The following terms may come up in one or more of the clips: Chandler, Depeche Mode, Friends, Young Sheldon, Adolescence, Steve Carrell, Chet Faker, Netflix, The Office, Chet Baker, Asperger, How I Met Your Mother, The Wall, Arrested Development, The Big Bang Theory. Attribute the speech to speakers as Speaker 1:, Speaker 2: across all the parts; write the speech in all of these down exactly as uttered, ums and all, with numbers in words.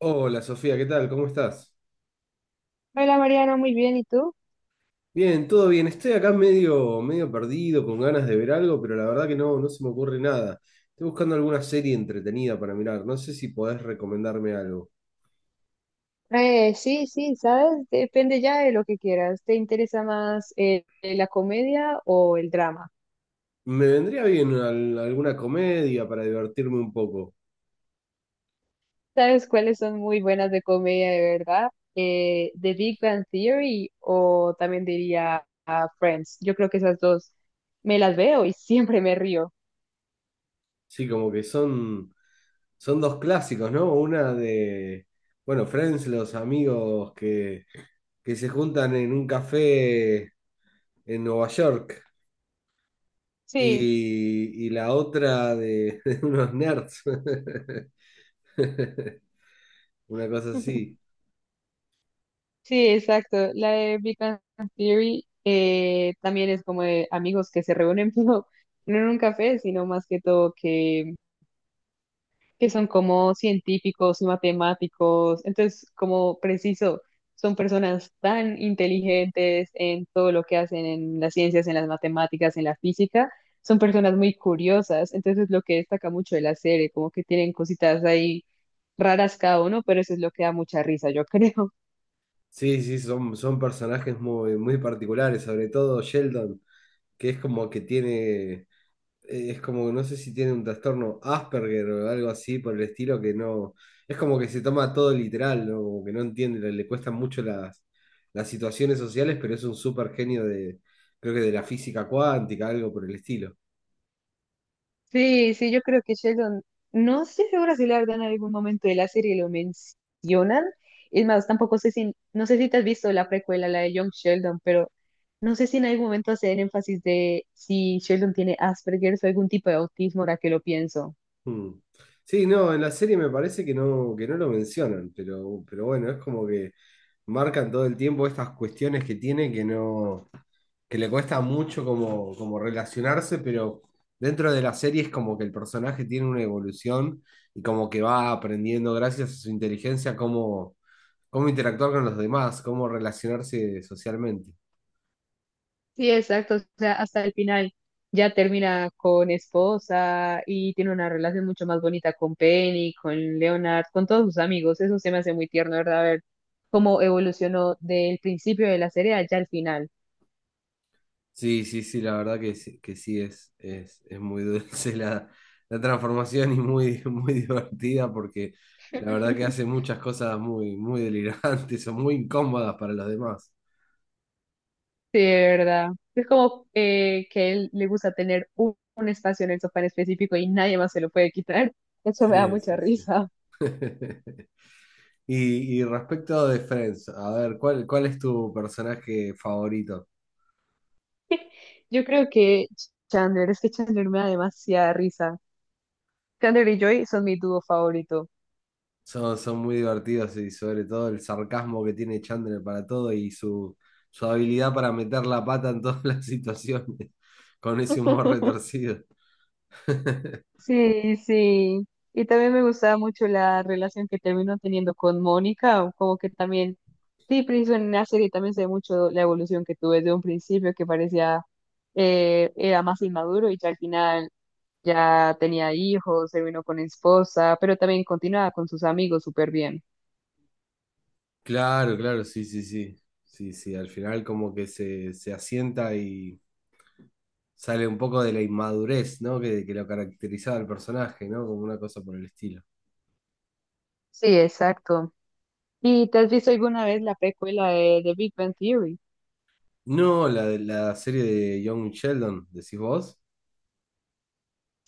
Speaker 1: Hola Sofía, ¿qué tal? ¿Cómo estás?
Speaker 2: Hola Mariana, muy bien, ¿y tú?
Speaker 1: Bien, todo bien. Estoy acá medio, medio perdido, con ganas de ver algo, pero la verdad que no, no se me ocurre nada. Estoy buscando alguna serie entretenida para mirar. No sé si podés recomendarme algo.
Speaker 2: Eh, sí, sí, sabes, depende ya de lo que quieras. ¿Te interesa más eh, la comedia o el drama?
Speaker 1: Me vendría bien al- alguna comedia para divertirme un poco.
Speaker 2: ¿Sabes cuáles son muy buenas de comedia de verdad? Eh, The Big Bang Theory o también diría ah, Friends. Yo creo que esas dos me las veo y siempre me río.
Speaker 1: Sí, como que son, son dos clásicos, ¿no? Una de, bueno, Friends, los amigos que, que se juntan en un café en Nueva York.
Speaker 2: Sí.
Speaker 1: y, y la otra de, de unos nerds. Una cosa así.
Speaker 2: Sí, exacto. La de Big Bang Theory eh, también es como de amigos que se reúnen, pero no en un café, sino más que todo que que son como científicos y matemáticos. Entonces, como preciso, son personas tan inteligentes en todo lo que hacen en las ciencias, en las matemáticas, en la física. Son personas muy curiosas. Entonces, lo que destaca mucho de la serie, como que tienen cositas ahí raras cada uno, pero eso es lo que da mucha risa, yo creo.
Speaker 1: Sí, sí, son, son personajes muy, muy particulares, sobre todo Sheldon, que es como que tiene, eh, es como, no sé si tiene un trastorno Asperger o algo así por el estilo, que no, es como que se toma todo literal, ¿no? Como que no entiende, le, le cuestan mucho las, las situaciones sociales, pero es un súper genio de, creo que de la física cuántica, algo por el estilo.
Speaker 2: Sí, sí, yo creo que Sheldon, no estoy segura si la verdad en algún momento de la serie lo mencionan. Es más, tampoco sé si, no sé si te has visto la precuela, la de Young Sheldon, pero no sé si en algún momento hacen énfasis de si Sheldon tiene Asperger o algún tipo de autismo, ahora que lo pienso.
Speaker 1: Mm. Sí, no, en la serie me parece que no, que no lo mencionan, pero, pero bueno, es como que marcan todo el tiempo estas cuestiones que tiene que no, que le cuesta mucho como, como relacionarse, pero dentro de la serie es como que el personaje tiene una evolución y como que va aprendiendo gracias a su inteligencia cómo, cómo interactuar con los demás, cómo relacionarse socialmente.
Speaker 2: Sí, exacto. O sea, hasta el final ya termina con esposa y tiene una relación mucho más bonita con Penny, con Leonard, con todos sus amigos. Eso se me hace muy tierno, ¿verdad? Ver cómo evolucionó del principio de la serie allá al final.
Speaker 1: Sí, sí, sí, la verdad que sí, que sí es, es, es muy dulce la, la transformación y muy, muy divertida porque la verdad que hace muchas cosas muy, muy delirantes o muy incómodas para los demás.
Speaker 2: Sí, de verdad. Es como eh, que él le gusta tener un, un espacio en el sofá en específico y nadie más se lo puede quitar. Eso me da
Speaker 1: Sí,
Speaker 2: mucha
Speaker 1: sí, sí.
Speaker 2: risa.
Speaker 1: Y, y respecto de Friends, a ver, ¿cuál, cuál es tu personaje favorito?
Speaker 2: Yo creo que Chandler, es que Chandler me da demasiada risa. Chandler y Joy son mi dúo favorito.
Speaker 1: Son, son muy divertidos y sobre todo el sarcasmo que tiene Chandler para todo y su, su habilidad para meter la pata en todas las situaciones con ese humor retorcido.
Speaker 2: Sí, sí. Y también me gustaba mucho la relación que terminó teniendo con Mónica, o como que también, sí, preciso en la serie también se ve mucho la evolución que tuve desde un principio, que parecía, eh, era más inmaduro y ya al final ya tenía hijos, se vino con esposa, pero también continuaba con sus amigos súper bien.
Speaker 1: Claro, claro, sí, sí, sí. Sí, sí, al final como que se, se asienta y sale un poco de la inmadurez, ¿no? Que, que lo caracterizaba al personaje, ¿no? Como una cosa por el estilo.
Speaker 2: Sí, exacto. ¿Y te has visto alguna vez la precuela de, de Big Bang Theory?
Speaker 1: No, la, de- la serie de Young Sheldon, decís vos.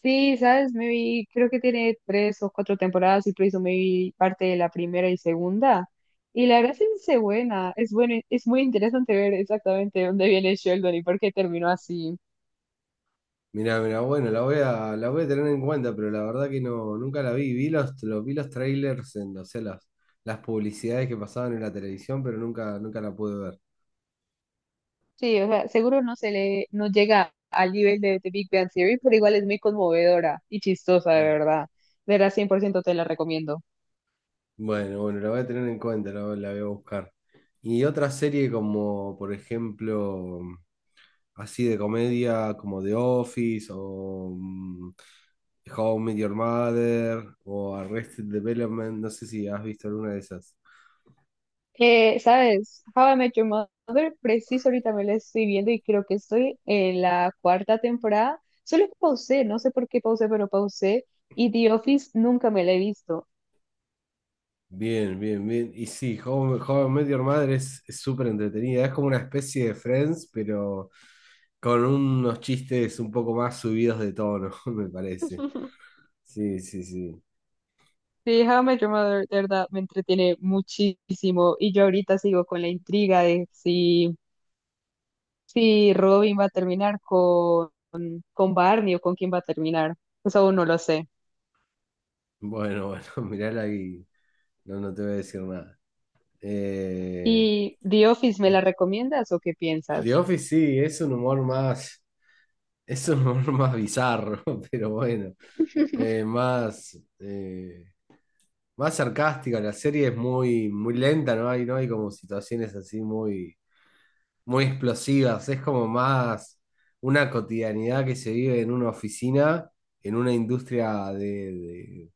Speaker 2: Sí, sabes, me vi, creo que tiene tres o cuatro temporadas y por eso me vi parte de la primera y segunda. Y la verdad es que es buena, es bueno, es muy interesante ver exactamente dónde viene Sheldon y por qué terminó así.
Speaker 1: Mirá, mirá, bueno, la voy a, la voy a tener en cuenta, pero la verdad que no, nunca la vi. Vi los, los- vi los trailers en, o sea, las, las publicidades que pasaban en la televisión, pero nunca, nunca la pude ver.
Speaker 2: Sí, o sea, seguro no se le, no llega al nivel de The Big Bang Theory, pero igual es muy conmovedora y chistosa, de
Speaker 1: Mm.
Speaker 2: verdad. De verdad, cien por ciento te la recomiendo.
Speaker 1: Bueno, bueno, la voy a tener en cuenta, la, voy la voy a buscar. Y otra serie como, por ejemplo, así de comedia, como The Office o mm, How I Met Your Mother o Arrested Development, no sé si has visto alguna de esas.
Speaker 2: Eh, ¿sabes? How I Met Your Mother, preciso ahorita me la estoy viendo y creo que estoy en la cuarta temporada. Solo que pausé, no sé por qué pausé, pero pausé. Y The Office nunca me la he visto.
Speaker 1: Bien, bien, bien. Y sí, How, How I Met Your Mother es es súper entretenida, es como una especie de Friends, pero con unos chistes un poco más subidos de tono, me parece. Sí, sí, sí.
Speaker 2: Sí, How I Met Your Mother, de verdad, me entretiene muchísimo. Y yo ahorita sigo con la intriga de si, si Robin va a terminar con, con Barney o con quién va a terminar. Eso aún no lo sé.
Speaker 1: Bueno, bueno, mirala ahí. No, no te voy a decir nada. Eh,
Speaker 2: ¿Y The Office me la recomiendas o qué
Speaker 1: The
Speaker 2: piensas?
Speaker 1: Office sí, es un humor más, es un humor más bizarro, pero bueno, eh, más, eh, más sarcástica. La serie es muy, muy lenta, ¿no? Hay, no hay como situaciones así muy, muy explosivas. Es como más una cotidianidad que se vive en una oficina, en una industria de, de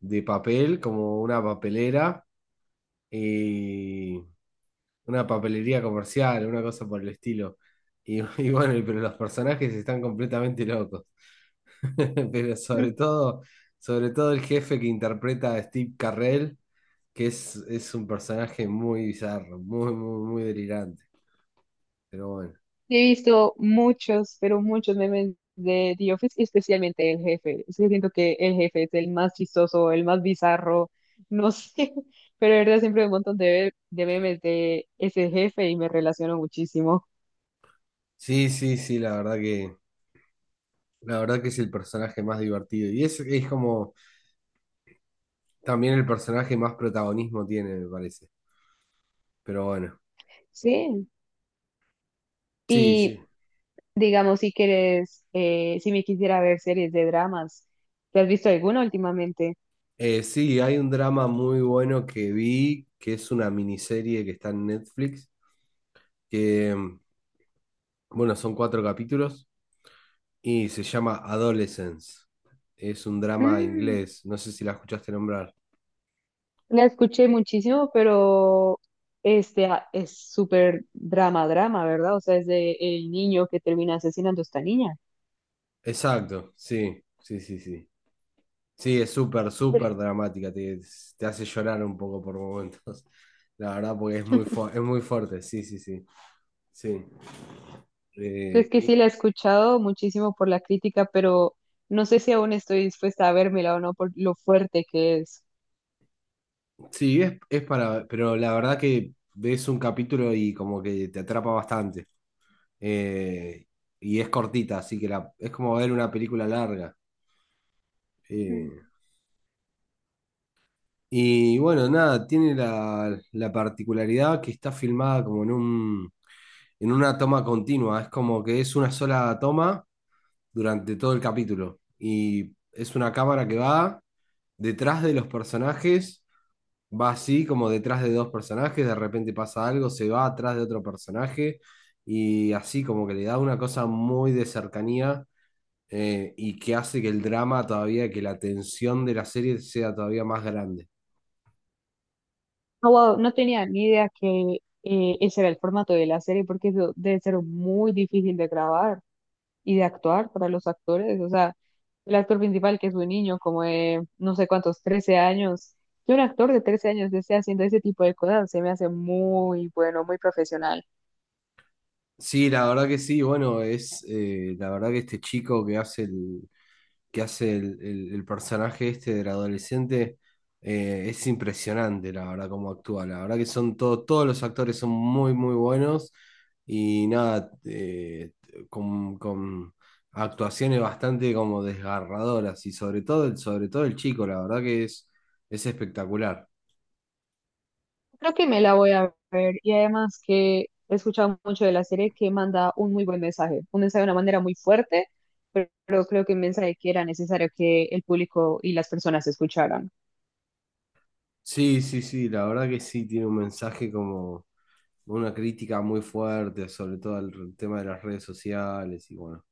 Speaker 1: de papel, como una papelera. Y una papelería comercial, una cosa por el estilo. Y, y bueno, y- pero los personajes están completamente locos. Pero sobre todo, sobre todo el jefe que interpreta a Steve Carrell, que es, es un personaje muy bizarro, muy, muy, muy delirante. Pero bueno.
Speaker 2: He visto muchos, pero muchos memes de The Office, y especialmente el jefe. Es que siento que el jefe es el más chistoso, el más bizarro, no sé, pero de verdad siempre hay un montón de, de memes de ese jefe y me relaciono muchísimo.
Speaker 1: Sí, sí, sí, la verdad que, la verdad que es el personaje más divertido. Y es, es como también el personaje más protagonismo tiene, me parece. Pero bueno.
Speaker 2: Sí,
Speaker 1: Sí, sí.
Speaker 2: y digamos, si quieres, eh, si me quisiera ver series de dramas, ¿te has visto alguna últimamente?
Speaker 1: Eh, sí, hay un drama muy bueno que vi, que es una miniserie que está en Netflix, que, mm, bueno, son cuatro capítulos y se llama Adolescence. Es un drama
Speaker 2: Mm.
Speaker 1: inglés, no sé si la escuchaste nombrar.
Speaker 2: La escuché muchísimo, pero este ah, es súper drama, drama, ¿verdad? O sea, es de el niño que termina asesinando a esta niña.
Speaker 1: Exacto, sí, sí, sí, sí. Sí, es súper, súper
Speaker 2: Sí.
Speaker 1: dramática, te, te hace llorar un poco por momentos, la verdad, porque es muy, fu- es muy fuerte, sí, sí, sí. Sí. Eh,
Speaker 2: Es que
Speaker 1: y-
Speaker 2: sí la he escuchado muchísimo por la crítica, pero no sé si aún estoy dispuesta a vérmela o no por lo fuerte que es.
Speaker 1: Sí, es, es para, pero la verdad que ves un capítulo y como que te atrapa bastante. Eh, y es cortita, así que la, es como ver una película larga.
Speaker 2: Mm.
Speaker 1: Eh, y bueno, nada, tiene la, la particularidad que está filmada como en un, en una toma continua. Es como que es una sola toma durante todo el capítulo. Y es una cámara que va detrás de los personajes, va así como detrás de dos personajes, de repente pasa algo, se va atrás de otro personaje y así como que le da una cosa muy de cercanía, eh, y que hace que el drama todavía, que la tensión de la serie sea todavía más grande.
Speaker 2: No, wow, no tenía ni idea que eh, ese era el formato de la serie, porque eso debe ser muy difícil de grabar. Y de actuar para los actores. O sea, el actor principal, que es un niño como de no sé cuántos, trece años, que un actor de trece años esté haciendo ese tipo de cosas, se me hace muy bueno, muy profesional.
Speaker 1: Sí, la verdad que sí, bueno, es eh, la verdad que este chico que hace el, que hace el, el- el personaje este del adolescente, eh, es impresionante, la verdad, cómo actúa. La verdad que son todo- todos los actores son muy, muy buenos y nada, eh, con, con actuaciones bastante como desgarradoras y sobre todo, el- sobre todo el chico, la verdad que es, es espectacular.
Speaker 2: Creo que me la voy a ver y además que he escuchado mucho de la serie que manda un muy buen mensaje, un mensaje de una manera muy fuerte, pero, pero creo que un mensaje que era necesario que el público y las personas escucharan.
Speaker 1: Sí, sí, sí, la verdad que sí, tiene un mensaje como una crítica muy fuerte, sobre todo el tema de las redes sociales y bueno,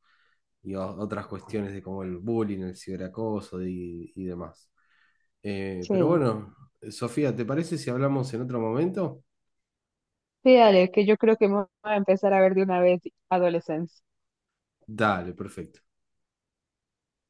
Speaker 1: y o- otras cuestiones de como el bullying, el ciberacoso y, y demás. Eh, pero
Speaker 2: Sí.
Speaker 1: bueno, Sofía, ¿te parece si hablamos en otro momento?
Speaker 2: Sí, dale, que yo creo que me voy a empezar a ver de una vez Adolescence.
Speaker 1: Dale, perfecto.